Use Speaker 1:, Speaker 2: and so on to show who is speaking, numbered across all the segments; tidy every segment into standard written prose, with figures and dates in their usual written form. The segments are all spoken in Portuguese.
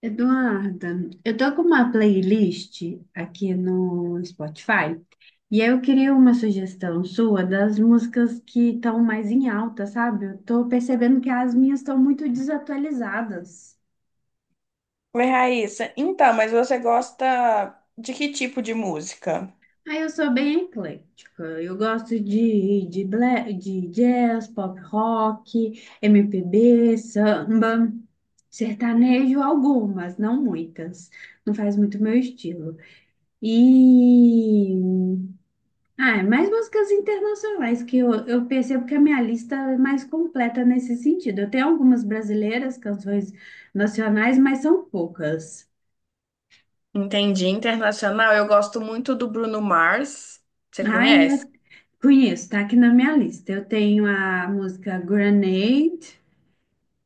Speaker 1: Eduarda, eu tô com uma playlist aqui no Spotify e aí eu queria uma sugestão sua das músicas que estão mais em alta, sabe? Eu tô percebendo que as minhas estão muito desatualizadas.
Speaker 2: Oi, Raíssa. Então, mas você gosta de que tipo de música?
Speaker 1: Aí eu sou bem eclética, eu gosto de jazz, pop rock, MPB, samba, sertanejo, algumas, não muitas, não faz muito meu estilo. E É mais músicas internacionais, que eu percebo que a minha lista é mais completa nesse sentido. Eu tenho algumas brasileiras, canções nacionais, mas são poucas.
Speaker 2: Entendi. Internacional, eu gosto muito do Bruno Mars. Você
Speaker 1: Ai,
Speaker 2: conhece?
Speaker 1: eu conheço, tá aqui na minha lista. Eu tenho a música Grenade,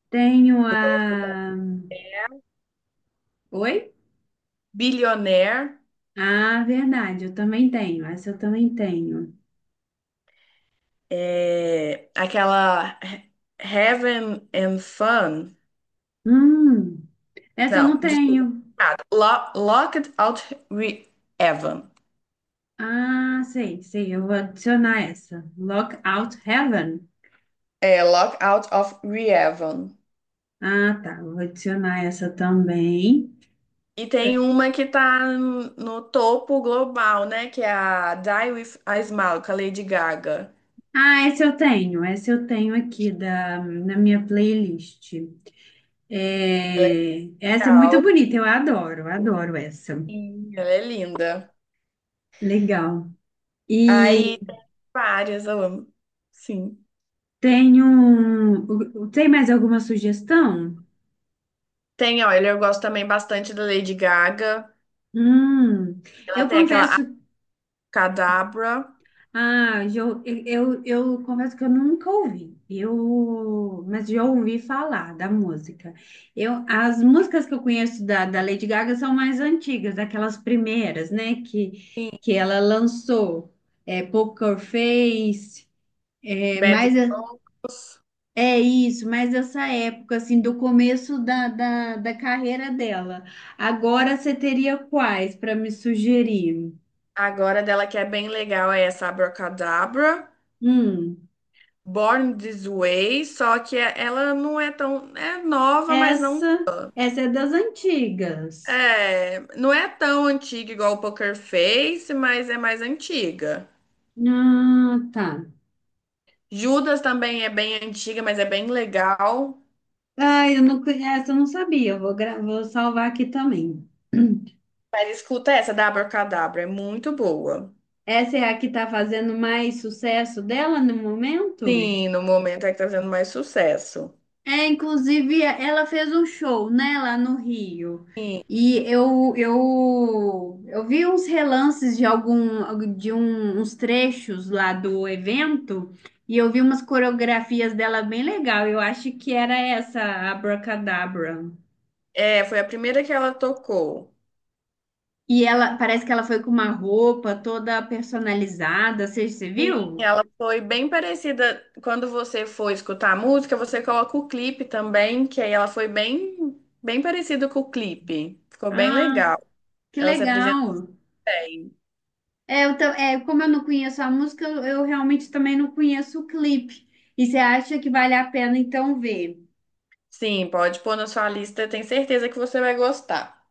Speaker 1: tenho
Speaker 2: Eu gosto da
Speaker 1: a. Oi?
Speaker 2: Billionaire,
Speaker 1: Ah, verdade, eu também tenho. Essa eu também tenho.
Speaker 2: é, aquela Heaven and Fun.
Speaker 1: Hum, essa eu
Speaker 2: Não,
Speaker 1: não
Speaker 2: desculpa.
Speaker 1: tenho.
Speaker 2: Ah, Locked Out Re Evan.
Speaker 1: Ah, sei, sei, eu vou adicionar essa. Lockout Heaven.
Speaker 2: É, Locked Out of Re Evan.
Speaker 1: Ah, tá. Vou adicionar essa também.
Speaker 2: E tem uma que tá no topo global, né? Que é a Die With a Smile, com a Lady Gaga.
Speaker 1: Ah, essa eu tenho. Essa eu tenho aqui na minha playlist.
Speaker 2: Ela é
Speaker 1: É, essa é muito
Speaker 2: legal.
Speaker 1: bonita. Eu adoro, adoro essa.
Speaker 2: Sim. Ela é linda.
Speaker 1: Legal.
Speaker 2: Aí,
Speaker 1: E
Speaker 2: tem várias, eu amo. Sim.
Speaker 1: tenho. Tem mais alguma sugestão?
Speaker 2: Tem, olha, eu gosto também bastante da Lady Gaga.
Speaker 1: Hum,
Speaker 2: Ela
Speaker 1: eu
Speaker 2: tem aquela
Speaker 1: confesso.
Speaker 2: Abracadabra.
Speaker 1: Ah, já eu, eu confesso que eu nunca ouvi, eu, mas já ouvi falar da música. Eu, as músicas que eu conheço da Lady Gaga são mais antigas, aquelas primeiras, né,
Speaker 2: Sim.
Speaker 1: que ela lançou, é, Poker Face, é,
Speaker 2: Bad
Speaker 1: mais a-
Speaker 2: Vocals.
Speaker 1: é isso. Mas essa época, assim, do começo da carreira dela. Agora você teria quais para me sugerir?
Speaker 2: Agora dela que é bem legal é essa Abracadabra.
Speaker 1: Hum.
Speaker 2: Born This Way. Só que ela não é tão. É nova, mas não.
Speaker 1: Essa é das antigas.
Speaker 2: É, não é tão antiga igual o Poker Face, mas é mais antiga.
Speaker 1: Ah, tá.
Speaker 2: Judas também é bem antiga, mas é bem legal.
Speaker 1: Ah, eu não conheço, essa eu não sabia. Eu vou salvar aqui também.
Speaker 2: Mas escuta essa, da Abracadabra, é muito boa.
Speaker 1: Essa é a que tá fazendo mais sucesso dela no momento?
Speaker 2: Sim, no momento é que tá fazendo mais sucesso.
Speaker 1: É, inclusive, ela fez um show, né, lá no Rio.
Speaker 2: Sim.
Speaker 1: E eu vi uns relances de uns trechos lá do evento, e eu vi umas coreografias dela bem legal. Eu acho que era essa, a Abracadabra.
Speaker 2: É, foi a primeira que ela tocou.
Speaker 1: E ela, parece que ela foi com uma roupa toda personalizada, você
Speaker 2: Sim.
Speaker 1: viu?
Speaker 2: Ela foi bem parecida. Quando você for escutar a música, você coloca o clipe também, que aí ela foi bem, bem parecida com o clipe. Ficou bem
Speaker 1: Ah,
Speaker 2: legal.
Speaker 1: que
Speaker 2: Ela se apresentou
Speaker 1: legal.
Speaker 2: bem.
Speaker 1: É, como eu não conheço a música, eu realmente também não conheço o clipe. E você acha que vale a pena então ver?
Speaker 2: Sim, pode pôr na sua lista, tenho certeza que você vai gostar.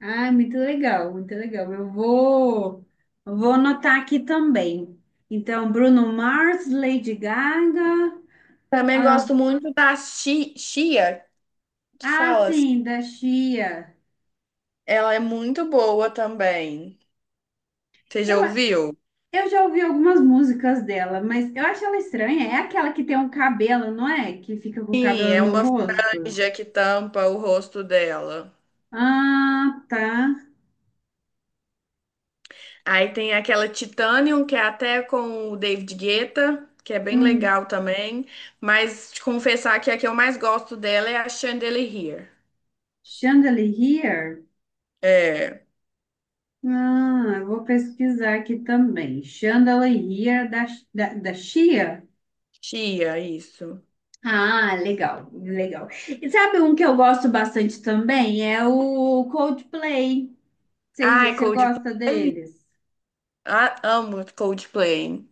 Speaker 1: Ah, muito legal, muito legal. Eu vou anotar aqui também. Então, Bruno Mars, Lady Gaga.
Speaker 2: Também
Speaker 1: Ah,
Speaker 2: gosto muito da chia, que
Speaker 1: ah,
Speaker 2: fala, assim,
Speaker 1: sim, da Sia.
Speaker 2: ela é muito boa também. Você já
Speaker 1: Eu,
Speaker 2: ouviu?
Speaker 1: eu já ouvi algumas músicas dela, mas eu acho ela estranha. É aquela que tem um cabelo, não é? Que fica com o
Speaker 2: Sim,
Speaker 1: cabelo
Speaker 2: é
Speaker 1: no
Speaker 2: uma
Speaker 1: rosto.
Speaker 2: franja que tampa o rosto dela.
Speaker 1: Ah, tá.
Speaker 2: Aí tem aquela Titanium, que é até com o David Guetta, que é bem
Speaker 1: Hum.
Speaker 2: legal também. Mas te confessar que a que eu mais gosto dela é a Chandelier.
Speaker 1: Chandelier?
Speaker 2: É,
Speaker 1: Ah, eu vou pesquisar aqui também. Chandelier da Chia?
Speaker 2: chia, isso.
Speaker 1: Ah, legal, legal. E sabe um que eu gosto bastante também? É o Coldplay.
Speaker 2: Ai,
Speaker 1: Você gosta
Speaker 2: Coldplay.
Speaker 1: deles?
Speaker 2: Ah, amo Coldplay.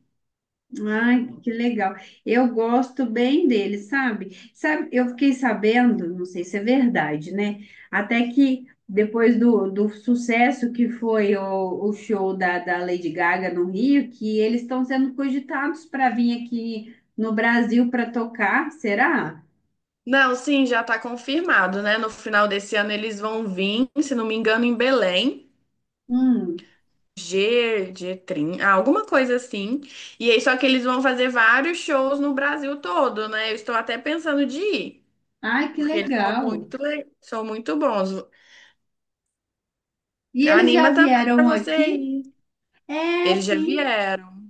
Speaker 1: Ai, que legal. Eu gosto bem dele, sabe? Sabe, eu fiquei sabendo, não sei se é verdade, né? Até que depois do sucesso que foi o show da Lady Gaga no Rio, que eles estão sendo cogitados para vir aqui no Brasil para tocar, será?
Speaker 2: Não, sim, já está confirmado, né? No final desse ano eles vão vir, se não me engano, em Belém,
Speaker 1: Hum.
Speaker 2: G30, ah, alguma coisa assim. E aí, só que eles vão fazer vários shows no Brasil todo, né? Eu estou até pensando de ir,
Speaker 1: Ai, que
Speaker 2: porque eles são
Speaker 1: legal.
Speaker 2: muito, são muito bons.
Speaker 1: E eles já
Speaker 2: Anima também para
Speaker 1: vieram
Speaker 2: você
Speaker 1: aqui?
Speaker 2: ir.
Speaker 1: É,
Speaker 2: Eles já
Speaker 1: sim.
Speaker 2: vieram.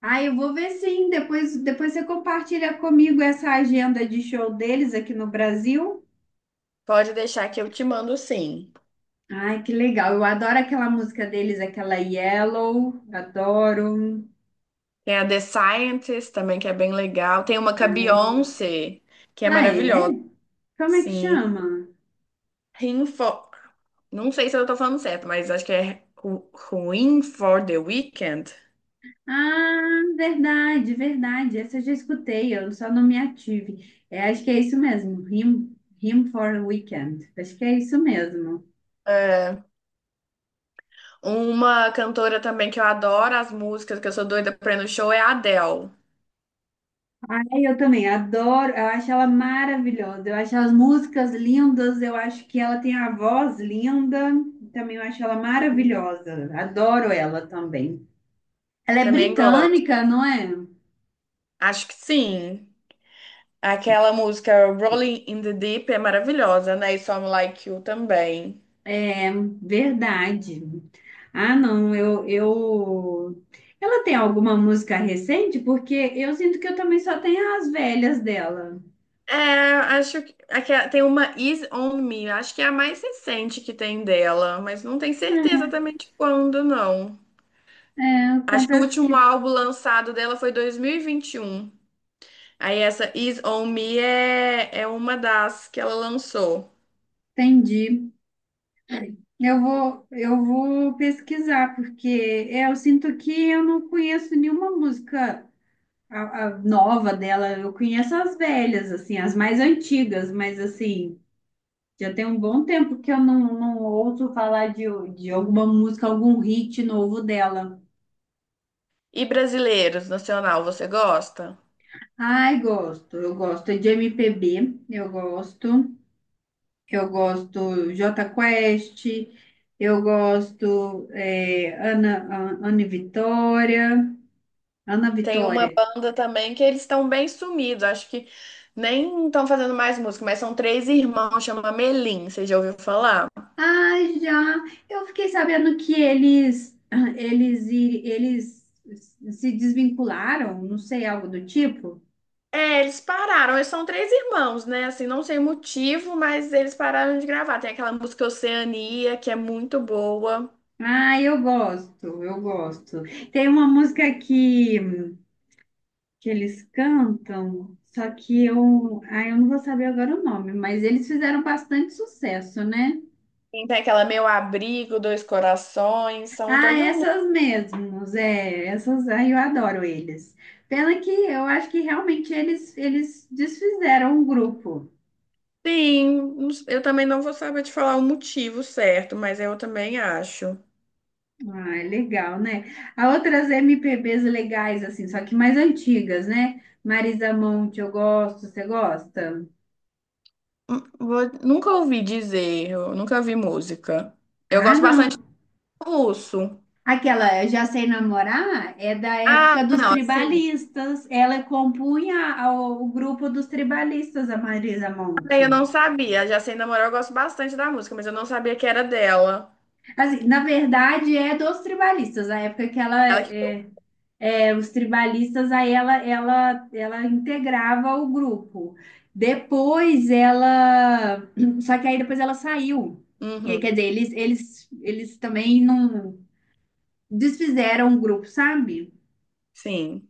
Speaker 1: Ah, eu vou ver sim. Depois você compartilha comigo essa agenda de show deles aqui no Brasil.
Speaker 2: Pode deixar que eu te mando sim.
Speaker 1: Ai, que legal. Eu adoro aquela música deles, aquela Yellow. Adoro.
Speaker 2: Tem a The Scientist também, que é bem legal. Tem uma com a
Speaker 1: Ah, ele...
Speaker 2: Beyoncé, que é
Speaker 1: ah, é?
Speaker 2: maravilhosa.
Speaker 1: Como é que
Speaker 2: Sim.
Speaker 1: chama?
Speaker 2: Rinfo... Não sei se eu tô falando certo, mas acho que é Ruin for the Weekend.
Speaker 1: Ah, verdade, verdade. Essa eu já escutei, eu só não me ative. É, acho que é isso mesmo. Him, Him for a Weekend. Acho que é isso mesmo.
Speaker 2: É. Uma cantora também que eu adoro as músicas, que eu sou doida pra ir no show, é a Adele.
Speaker 1: Ai, eu também adoro, eu acho ela maravilhosa, eu acho as músicas lindas, eu acho que ela tem a voz linda, também eu acho ela maravilhosa, adoro ela também. Ela é
Speaker 2: Também gosto.
Speaker 1: britânica, não é?
Speaker 2: Acho que sim. Aquela música Rolling in the Deep é maravilhosa, né? E Some Like You também.
Speaker 1: É verdade. Ah, não, ela tem alguma música recente? Porque eu sinto que eu também só tenho as velhas dela.
Speaker 2: É, acho que tem uma Is On Me, acho que é a mais recente que tem dela, mas não tenho certeza também de quando, não.
Speaker 1: Eu
Speaker 2: Acho que o
Speaker 1: confesso
Speaker 2: último
Speaker 1: que
Speaker 2: álbum lançado dela foi 2021. Aí essa Is On Me é uma das que ela lançou.
Speaker 1: entendi. Eu vou pesquisar, porque é, eu sinto que eu não conheço nenhuma música a nova dela. Eu conheço as velhas, assim, as mais antigas, mas assim, já tem um bom tempo que eu não, não ouço falar de alguma música, algum hit novo dela.
Speaker 2: E brasileiros, nacional, você gosta?
Speaker 1: Ai, gosto, eu gosto de MPB, eu gosto Jota Quest, eu gosto é, Ana Vitória. Ana
Speaker 2: Tem uma
Speaker 1: Vitória.
Speaker 2: banda também que eles estão bem sumidos. Acho que nem estão fazendo mais música, mas são três irmãos, chama Melim. Você já ouviu falar?
Speaker 1: Ah, já. Eu fiquei sabendo que eles ah, eles iri- eles se desvincularam, não sei, algo do tipo.
Speaker 2: É, eles pararam. Eles são três irmãos, né? Assim, não sei o motivo, mas eles pararam de gravar. Tem aquela música Oceania, que é muito boa.
Speaker 1: Ah, eu gosto, eu gosto. Tem uma música que eles cantam, só que eu, ah, eu não vou saber agora o nome, mas eles fizeram bastante sucesso, né?
Speaker 2: Tem aquela Meu Abrigo, Dois Corações, são
Speaker 1: Ah,
Speaker 2: todas.
Speaker 1: essas mesmos, é, essas, ai, eu adoro eles. Pena que eu acho que realmente eles desfizeram o grupo.
Speaker 2: Sim, não eu também não vou saber te falar o motivo certo, mas eu também acho.
Speaker 1: Ah, é legal, né? Há outras MPBs legais, assim, só que mais antigas, né? Marisa Monte, eu gosto, você gosta?
Speaker 2: Nunca ouvi dizer, eu nunca vi música. Eu
Speaker 1: Ah,
Speaker 2: gosto bastante
Speaker 1: não.
Speaker 2: do russo.
Speaker 1: Aquela Eu Já Sei Namorar é da
Speaker 2: Ah,
Speaker 1: época dos
Speaker 2: não, assim,
Speaker 1: tribalistas. Ela compunha o grupo dos tribalistas, a Marisa
Speaker 2: também eu
Speaker 1: Monte.
Speaker 2: não sabia. Já sei namorar, eu gosto bastante da música, mas eu não sabia que era dela.
Speaker 1: Assim, na verdade, é dos tribalistas, a época que ela
Speaker 2: Ela que.
Speaker 1: é. É, os tribalistas, aí ela integrava o grupo. Depois ela. Só que aí depois ela saiu. E aí, quer
Speaker 2: Uhum,
Speaker 1: dizer, eles também não desfizeram o grupo, sabe?
Speaker 2: sim.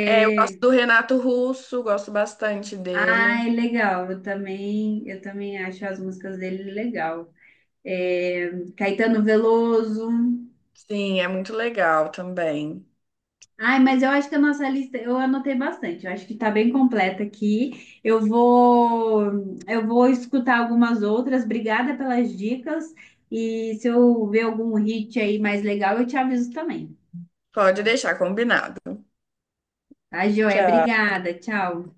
Speaker 2: É, eu gosto do Renato Russo, gosto bastante dele.
Speaker 1: Ai, legal. Eu também acho as músicas dele legal. É, Caetano Veloso.
Speaker 2: Sim, é muito legal também.
Speaker 1: Ai, mas eu acho que a nossa lista, eu anotei bastante, eu acho que está bem completa aqui. Eu vou escutar algumas outras. Obrigada pelas dicas. E se eu ver algum hit aí mais legal, eu te aviso também.
Speaker 2: Pode deixar combinado.
Speaker 1: Tá, joia?
Speaker 2: Tchau.
Speaker 1: Obrigada. Tchau.